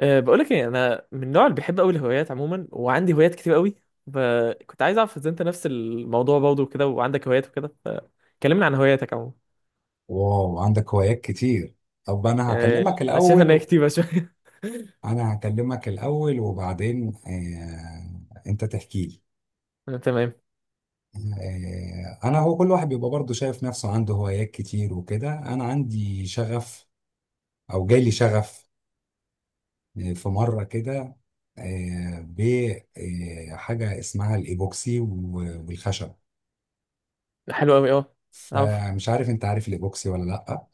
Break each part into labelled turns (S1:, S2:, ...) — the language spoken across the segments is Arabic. S1: بقول لك ايه؟ انا من النوع اللي بيحب قوي الهوايات عموما، وعندي هوايات كتير قوي، فكنت عايز اعرف اذا انت نفس الموضوع برضه وكده وعندك هوايات وكده، فكلمنا عن هواياتك عموما.
S2: واو، عندك هوايات كتير. طب انا
S1: أه
S2: هكلمك
S1: انا شايف
S2: الاول
S1: ان هي
S2: و...
S1: كتيره شويه.
S2: انا هكلمك الاول وبعدين، انت تحكي لي.
S1: أه، تمام.
S2: انا هو كل واحد بيبقى برضه شايف نفسه عنده هوايات كتير وكده. انا عندي شغف، او جالي شغف في مرة كده بحاجة اسمها الايبوكسي والخشب.
S1: حلو قوي، اه. عارف.
S2: فمش عارف، انت عارف الايبوكسي ولا لا؟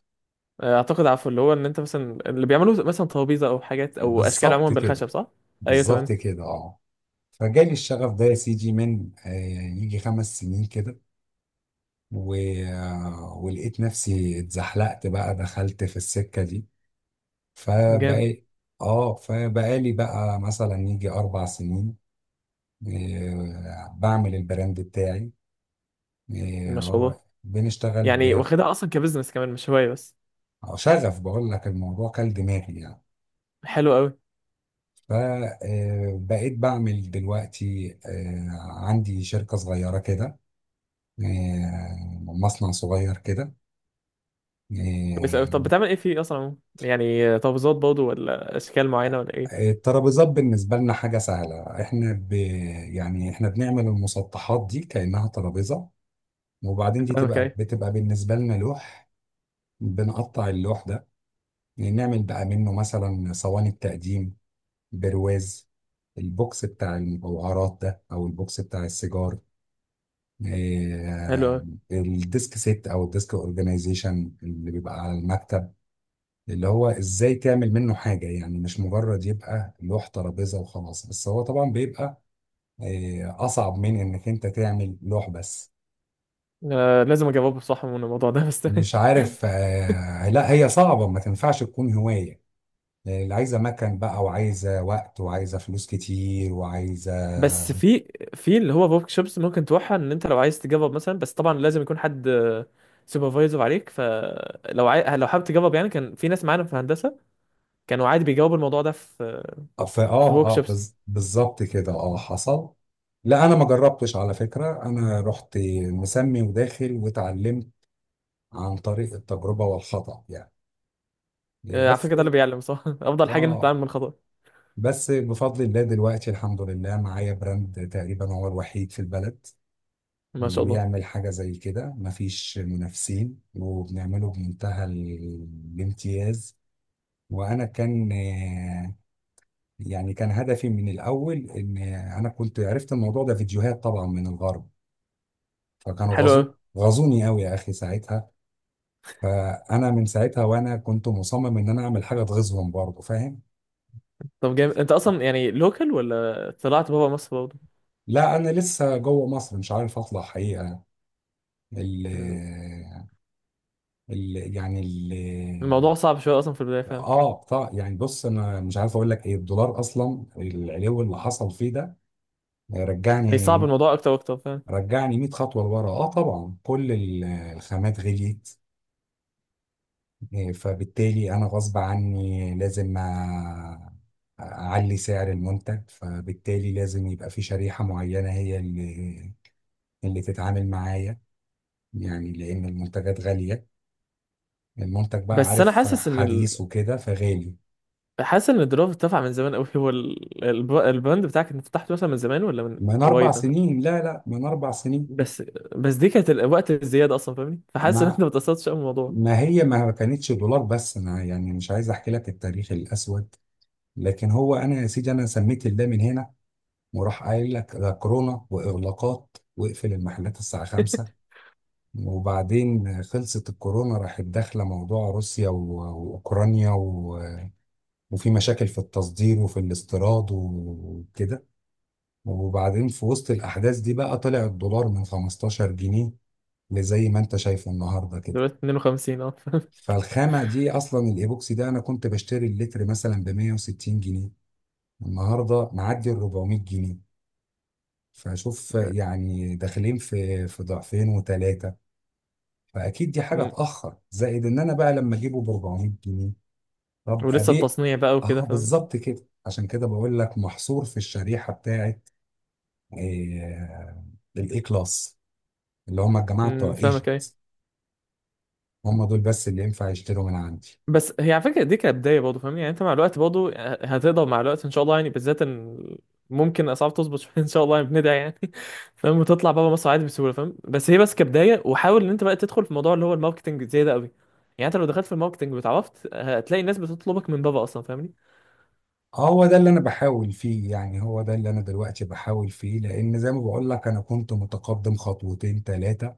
S1: اعتقد عارفه اللي هو ان انت مثلا اللي بيعملوا مثلا ترابيزه او حاجات او اشكال
S2: بالظبط
S1: عموما
S2: كده.
S1: بالخشب، صح؟ ايوه، تمام.
S2: بالظبط كده، اه. فجالي الشغف ده يا سيدي من يجي 5 سنين كده و... آه، ولقيت نفسي اتزحلقت، بقى دخلت في السكة دي.
S1: جامد.
S2: فبقى اه فبقالي بقى مثلا يجي 4 سنين بعمل البراند بتاعي. آه،
S1: ما شاء
S2: هو
S1: الله.
S2: بنشتغل
S1: يعني
S2: ب
S1: واخدها اصلا كبزنس كمان، مش هوايه بس.
S2: آه، شغف، بقول لك الموضوع كل دماغي يعني.
S1: حلو قوي.
S2: فبقيت بعمل دلوقتي عندي شركة صغيرة كده، مصنع صغير كده،
S1: بس طب
S2: إيه،
S1: بتعمل ايه فيه اصلا عموما؟ يعني ترابيزات برضه ولا اشكال معينه ولا ايه؟
S2: الترابيزات بالنسبة لنا حاجة سهلة، احنا يعني احنا بنعمل المسطحات دي كأنها ترابيزة. وبعدين دي تبقى
S1: اوكي.
S2: بتبقى بالنسبة لنا لوح، بنقطع اللوح ده. يعني نعمل بقى منه مثلا صواني التقديم، برواز، البوكس بتاع المجوهرات ده او البوكس بتاع السيجار،
S1: حلو
S2: إيه،
S1: قوي.
S2: الديسك سيت او الديسك اورجانيزيشن اللي بيبقى على المكتب. اللي هو ازاي تعمل منه حاجة، يعني مش مجرد يبقى لوح ترابيزة وخلاص، بس هو طبعا بيبقى أصعب من إنك أنت تعمل لوح بس.
S1: آه، لازم اجاوب بصح من الموضوع ده بس.
S2: مش عارف، لا هي صعبة، ما تنفعش تكون هواية. اللي عايزة مكان بقى، وعايزة وقت، وعايزة فلوس كتير، وعايزة
S1: بس في اللي هو ورك شوبس ممكن تروحها، ان انت لو عايز تجرب مثلا، بس طبعا لازم يكون حد سوبرفايزر عليك، لو حابب تجرب. يعني كان في ناس معانا في هندسه كانوا عادي بيجاوبوا الموضوع ده في في ورك شوبس.
S2: بالظبط كده، اه حصل. لا انا ما جربتش على فكرة، انا رحت مسمي وداخل واتعلمت عن طريق التجربة والخطأ يعني،
S1: آه، على
S2: بس.
S1: فكره ده اللي بيعلم صح. افضل حاجه انك تتعلم
S2: اه،
S1: من الخطا.
S2: بس بفضل الله دلوقتي الحمد لله معايا براند تقريبا هو الوحيد في البلد
S1: ما
S2: اللي
S1: شاء الله.
S2: بيعمل حاجة زي كده، مفيش منافسين، وبنعمله بمنتهى الامتياز. وأنا كان يعني كان هدفي من الأول إن أنا كنت عرفت الموضوع ده فيديوهات طبعا من الغرب، فكانوا
S1: حلو قوي.
S2: غزو غزوني قوي يا أخي ساعتها. فأنا من ساعتها وأنا كنت مصمم إن أنا أعمل حاجة تغيظهم برضه، فاهم؟
S1: طب جامد، انت اصلا يعني لوكال ولا طلعت بابا مصر برضه؟
S2: لا أنا لسه جوه مصر، مش عارف أطلع حقيقة. ال- ال يعني ال
S1: الموضوع صعب شويه اصلا في البدايه، فاهم؟
S2: اه بتاع يعني، بص انا مش عارف اقول لك ايه، الدولار اصلا العلو اللي حصل فيه ده
S1: هي
S2: رجعني،
S1: صعب الموضوع اكتر واكتر، فاهم؟
S2: رجعني 100 خطوه لورا. اه طبعا كل الخامات غليت، فبالتالي انا غصب عني لازم اعلي سعر المنتج، فبالتالي لازم يبقى في شريحه معينه هي اللي، تتعامل معايا، يعني لان المنتجات غاليه، المنتج بقى
S1: بس انا
S2: عارف
S1: حاسس ان ال...
S2: حديث وكده فغالي.
S1: حاسس ان الدرافت اترفع من زمان قوي. هو البراند بتاعك انت فتحته مثلا من زمان ولا من
S2: من اربع
S1: قريب مثلا؟
S2: سنين لا لا، من 4 سنين
S1: بس بس دي كانت وقت الزياده اصلا، فاهمني؟ فحاسس ان انت
S2: ما
S1: ما اتأثرتش قوي بالموضوع.
S2: ما هي ما كانتش دولار بس، انا يعني مش عايز احكي لك التاريخ الاسود، لكن هو انا يا سيدي انا سميت الله من هنا وراح قايل لك ده كورونا واغلاقات، واقفل المحلات الساعه 5. وبعدين خلصت الكورونا، راحت داخله موضوع روسيا واوكرانيا، وفي مشاكل في التصدير وفي الاستيراد وكده. وبعدين في وسط الاحداث دي بقى طلع الدولار من 15 جنيه لزي ما انت شايفه النهارده كده.
S1: دلوقتي 52، اه.
S2: فالخامة دي أصلا، الإيبوكسي ده، أنا كنت بشتري اللتر مثلا ب 160 جنيه، النهاردة معدي ال 400 جنيه. فشوف يعني داخلين في ضعفين وثلاثة. فأكيد دي حاجة
S1: مم.
S2: تأخر، زائد إن أنا بقى لما أجيبه ب 400 جنيه، طب
S1: ولسه
S2: أبيع؟
S1: التصنيع بقى وكده،
S2: أه
S1: فاهم؟
S2: بالظبط كده، عشان كده بقول لك محصور في الشريحة بتاعت آه، الإي كلاس، اللي هم الجماعة بتوع
S1: فاهمك،
S2: ايجيبت،
S1: أيوة.
S2: هم دول بس اللي ينفع يشتروا من عندي.
S1: بس هي على فكره دي كبدايه برضه، فاهمني؟ يعني انت مع الوقت برضه هتقدر مع الوقت ان شاء الله، يعني بالذات ان ممكن اسعار تظبط شويه. ان شاء الله، يعني بندعي يعني. فاهم، وتطلع بره مصر عادي بسهوله، فاهم؟ بس هي بس كبدايه، وحاول ان انت بقى تدخل في موضوع اللي هو الماركتنج زي ده قوي. يعني انت لو دخلت في الماركتنج واتعرفت هتلاقي الناس بتطلبك من بره اصلا، فاهمني؟
S2: هو ده اللي انا بحاول فيه، يعني هو ده اللي انا دلوقتي بحاول فيه، لان زي ما بقول لك انا كنت متقدم خطوتين ثلاثة،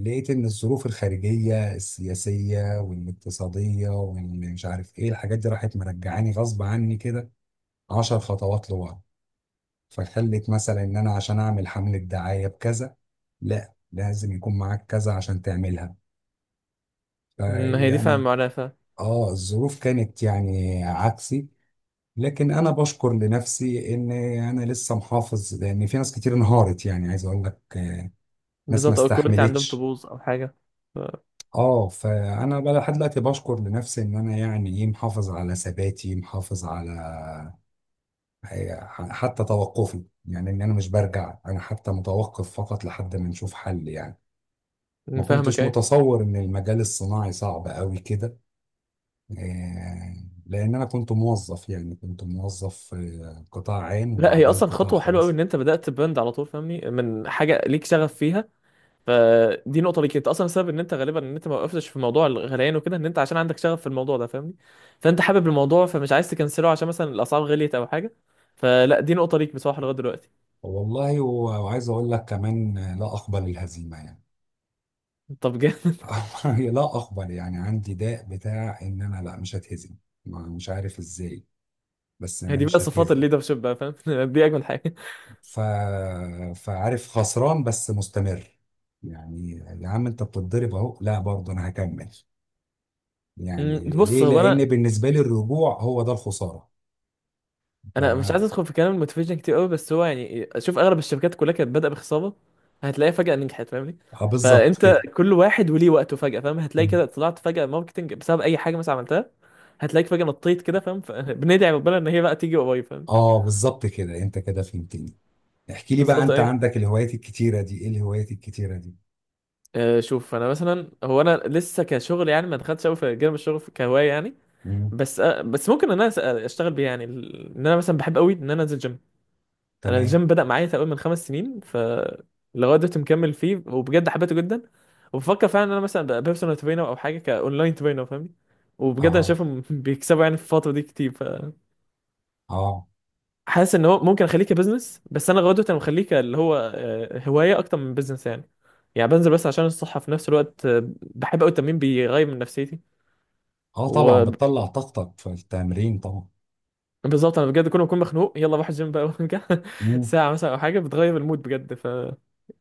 S2: لقيت ان الظروف الخارجية السياسية والاقتصادية ومش عارف ايه الحاجات دي راحت مرجعاني غصب عني كده 10 خطوات لورا. فخلت مثلا ان انا عشان اعمل حملة دعاية بكذا، لا لازم يكون معاك كذا عشان تعملها،
S1: ما هي دي، فاهم
S2: فيعني
S1: معناها، فاهم.
S2: اه الظروف كانت يعني عكسي. لكن انا بشكر لنفسي ان انا لسه محافظ، لان في ناس كتير انهارت يعني، عايز اقول لك ناس ما
S1: بالظبط، او الكواليتي عندهم
S2: استحملتش.
S1: تبوظ او حاجه. ف-
S2: اه فانا بقى لحد دلوقتي بشكر لنفسي ان انا يعني ايه محافظ على ثباتي، محافظ على آه، حتى توقفي، يعني ان انا مش برجع، انا حتى متوقف فقط لحد ما نشوف حل يعني. ما
S1: فاهمك،
S2: كنتش
S1: ايه.
S2: متصور ان المجال الصناعي صعب قوي كده، آه، لان انا كنت موظف يعني، كنت موظف في قطاع عام
S1: لا، هي
S2: وبعدين
S1: اصلا
S2: قطاع
S1: خطوه حلوه قوي
S2: خاص.
S1: ان انت بدات براند على طول، فاهمني، من حاجه ليك شغف فيها. فدي نقطة ليك انت اصلا، السبب ان انت غالبا ان انت ما وقفتش في موضوع الغليان وكده، ان انت عشان عندك شغف في الموضوع ده، فاهمني؟ فانت حابب الموضوع فمش عايز تكنسله عشان مثلا الاسعار غليت او حاجة. فلا، دي نقطة ليك بصراحة لغاية دلوقتي.
S2: والله وعايز اقول لك كمان، لا اقبل الهزيمه يعني.
S1: طب جامد.
S2: لا اقبل يعني، عندي داء بتاع ان انا لا مش هتهزم، مش عارف ازاي، بس
S1: هي
S2: انا
S1: دي بقى
S2: مش
S1: صفات
S2: هتهزم.
S1: الليدرشيب بقى، فاهم؟ دي اجمل حاجة.
S2: ف... فعارف خسران بس مستمر يعني. يا عم انت بتتضرب اهو، لا برضه انا هكمل، يعني
S1: بص
S2: ليه؟
S1: هو
S2: لان
S1: انا
S2: بالنسبه لي الرجوع هو ده الخساره.
S1: انا
S2: لو
S1: مش عايز
S2: انا
S1: ادخل في كلام الموتيفيشن كتير قوي، بس هو يعني شوف اغلب الشركات كلها كانت بادئة بخسارة، هتلاقيها فجأة نجحت، فاهمني؟
S2: آه، بالظبط
S1: فانت
S2: كده.
S1: كل واحد وليه وقته، فجأة فاهم هتلاقي
S2: مم.
S1: كده طلعت فجأة ماركتنج بسبب اي حاجة مثلا عملتها، هتلاقيك فجأة نطيت كده، فاهم؟ فبندعي ربنا ان هي بقى تيجي قريب، فاهم.
S2: اه بالظبط كده، انت كده فهمتني. احكي لي بقى،
S1: بالظبط،
S2: انت
S1: ايوه.
S2: عندك الهوايات الكتيره دي، ايه الهوايات الكتيره دي؟
S1: شوف انا مثلا هو انا لسه كشغل، يعني ما دخلتش قوي في جانب الشغل كهوايه يعني.
S2: مم.
S1: بس ممكن ان انا اشتغل بيه، يعني ان انا مثلا بحب قوي ان انا انزل جيم. انا
S2: تمام.
S1: الجيم بدأ معايا تقريبا من 5 سنين، ف لغايه دلوقتي مكمل فيه، وبجد حبيته جدا. وبفكر فعلا ان انا مثلا ابقى بيرسونال ترينر او حاجه كاونلاين ترينر، فاهمني؟ وبجد انا
S2: اه.
S1: شايفهم بيكسبوا يعني في الفتره دي كتير.
S2: اه.
S1: حاسس ان هو ممكن اخليه كبزنس، بس انا غدوة انا مخليه اللي هو هوايه اكتر من بزنس يعني. يعني بنزل بس عشان الصحه في نفس الوقت. بحب قوي التمرين، بيغير من نفسيتي.
S2: اه طبعا
S1: وبالظبط
S2: بتطلع طاقتك في التمرين طبعا.
S1: انا بجد كل ما اكون مخنوق يلا بروح الجيم بقى وارجع.
S2: مم.
S1: ساعه مثلا او حاجه، بتغير المود بجد. ف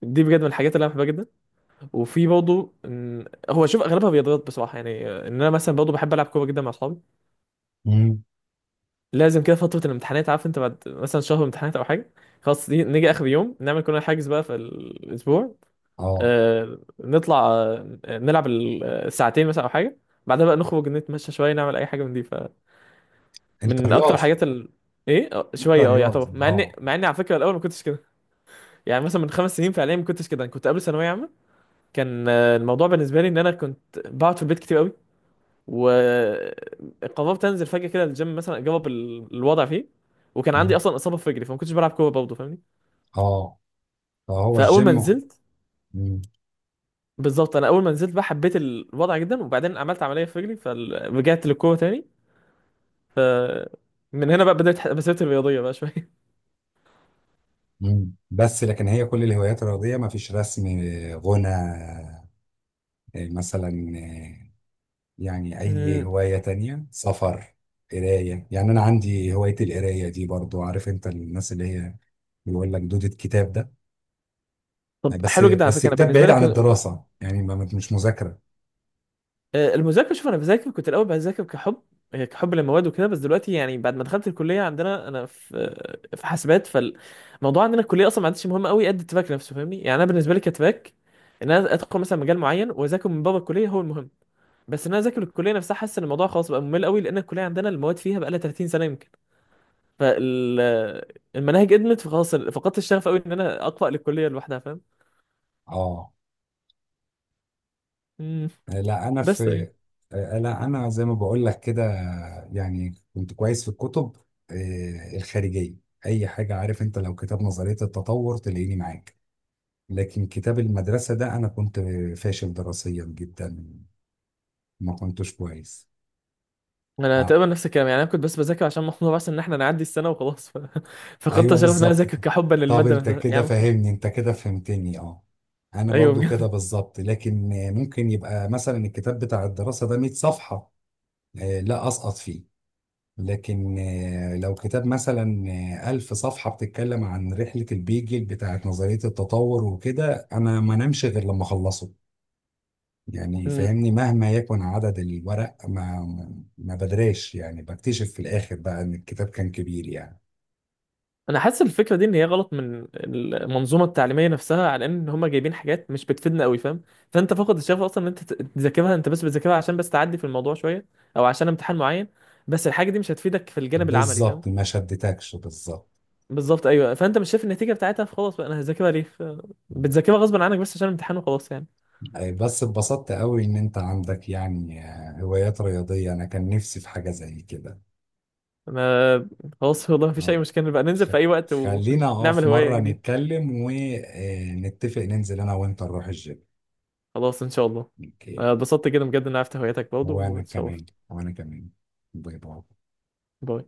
S1: دي بجد من الحاجات اللي انا بحبها جدا. وفي برضه هو شوف اغلبها رياضات بصراحه، يعني ان انا مثلا برضه بحب العب كوره جدا مع اصحابي.
S2: مم.
S1: لازم كده فتره الامتحانات، عارف انت بعد مثلا شهر امتحانات او حاجه، خلاص نيجي اخر يوم نعمل كلنا حاجز بقى في الاسبوع.
S2: اه.
S1: نطلع نلعب ساعتين مثلا او حاجه، بعدها بقى نخرج نتمشى شويه، نعمل اي حاجه من دي.
S2: انت
S1: فمن اكتر
S2: رياضي؟
S1: الحاجات. ايه،
S2: انت
S1: شويه يعتبر،
S2: رياضي؟
S1: مع اني
S2: اه.
S1: مع اني على فكره الاول ما كنتش كده. يعني مثلا من 5 سنين فعليا ما كنتش كده. أنا كنت قبل ثانويه عامه كان الموضوع بالنسبه لي ان انا كنت بقعد في البيت كتير قوي، وقررت انزل فجاه كده الجيم مثلا اجرب الوضع فيه. وكان عندي
S2: مم.
S1: اصلا اصابه في رجلي فما كنتش بلعب كوره برضه، فاهمني؟
S2: اه فهو
S1: فاول ما
S2: الجيم.
S1: نزلت،
S2: مم.
S1: بالظبط انا اول ما نزلت بقى حبيت الوضع جدا، وبعدين عملت عمليه في رجلي فرجعت للقوه تاني. ف من هنا بقى بدات مسيرتي الرياضيه بقى شويه.
S2: مم. بس لكن هي كل الهوايات الرياضية، ما فيش رسم، غنى مثلا، يعني اي
S1: مم.
S2: هواية تانية، سفر، قراية. يعني انا عندي هواية القراية دي برضو، عارف انت الناس اللي هي بيقول لك دودة كتاب ده. يعني
S1: طب
S2: بس
S1: حلو جدا على
S2: بس
S1: فكره. انا
S2: كتاب
S1: بالنسبه
S2: بعيد
S1: لي
S2: عن الدراسة يعني، ما مش مذاكرة.
S1: المذاكره، شوف انا بذاكر كنت الاول بذاكر كحب، كحب للمواد وكده. بس دلوقتي يعني بعد ما دخلت الكليه عندنا انا في في حاسبات، فالموضوع عندنا الكليه اصلا ما عادش مهم قوي قد التراك نفسه، فاهمني؟ يعني انا بالنسبه لي كتراك ان انا ادخل مثلا مجال معين واذاكر من بابا الكليه هو المهم. بس ان انا اذاكر الكليه نفسها، حاسس ان الموضوع خلاص بقى ممل قوي لان الكليه عندنا المواد فيها بقى لها 30 سنه يمكن. فالمناهج قدمت فخلاص فقدت الشغف قوي ان انا اقرا للكليه لوحدها، فاهم.
S2: اه.
S1: مم.
S2: لا انا
S1: بس اي.
S2: في لا انا زي ما بقول لك كده، يعني كنت كويس في الكتب الخارجية، اي حاجة. عارف انت، لو كتاب نظرية التطور تلاقيني معاك. لكن كتاب المدرسة ده انا كنت فاشل دراسيا جدا، ما كنتش كويس.
S1: انا تقريبا
S2: آه.
S1: نفس الكلام، يعني انا كنت بس بذاكر عشان محمود بس ان احنا نعدي السنه وخلاص فقدت
S2: ايوه
S1: الشغف ان انا
S2: بالظبط
S1: اذاكر
S2: كده.
S1: كحبا
S2: طب
S1: للماده
S2: انت
S1: نفسها، يعني
S2: كده
S1: ممكن.
S2: فاهمني، انت كده فهمتني اه. انا
S1: ايوه،
S2: برضو كده
S1: بجد.
S2: بالظبط، لكن ممكن يبقى مثلا الكتاب بتاع الدراسة ده 100 صفحة لا اسقط فيه، لكن لو كتاب مثلا 1000 صفحة بتتكلم عن رحلة البيجل بتاعت نظرية التطور وكده، أنا ما نمشي غير لما أخلصه، يعني
S1: مم.
S2: فاهمني؟ مهما يكن عدد الورق، ما بدريش يعني، بكتشف في الآخر بقى إن الكتاب كان كبير يعني.
S1: انا حاسس الفكره دي ان هي غلط من المنظومه التعليميه نفسها، على ان هم جايبين حاجات مش بتفيدنا قوي، فاهم؟ فانت فقد الشغف اصلا ان انت تذاكرها، انت بس بتذاكرها عشان بس تعدي في الموضوع شويه، او عشان امتحان معين، بس الحاجه دي مش هتفيدك في الجانب العملي، فاهم؟
S2: بالظبط ما شدتكش، بالظبط.
S1: بالظبط، ايوه. فانت مش شايف النتيجه بتاعتها، فخلاص بقى انا هذاكرها ليه بتذاكرها غصب عنك بس عشان الامتحان وخلاص يعني.
S2: أي بس اتبسطت قوي ان انت عندك يعني هوايات رياضية، انا كان نفسي في حاجة زي كده.
S1: انا خلاص والله، مفيش اي
S2: اه.
S1: مشكله بقى، ننزل
S2: ف-
S1: في اي وقت
S2: خلينا اه
S1: ونعمل
S2: في
S1: هوايه
S2: مرة
S1: جديده.
S2: نتكلم ونتفق ننزل انا وانت نروح الجيم.
S1: خلاص ان شاء الله.
S2: اوكي.
S1: أنا اتبسطت جدا بجد ان عرفت هواياتك برضه،
S2: وانا
S1: واتشرفت.
S2: كمان، وانا كمان. باي باي.
S1: باي.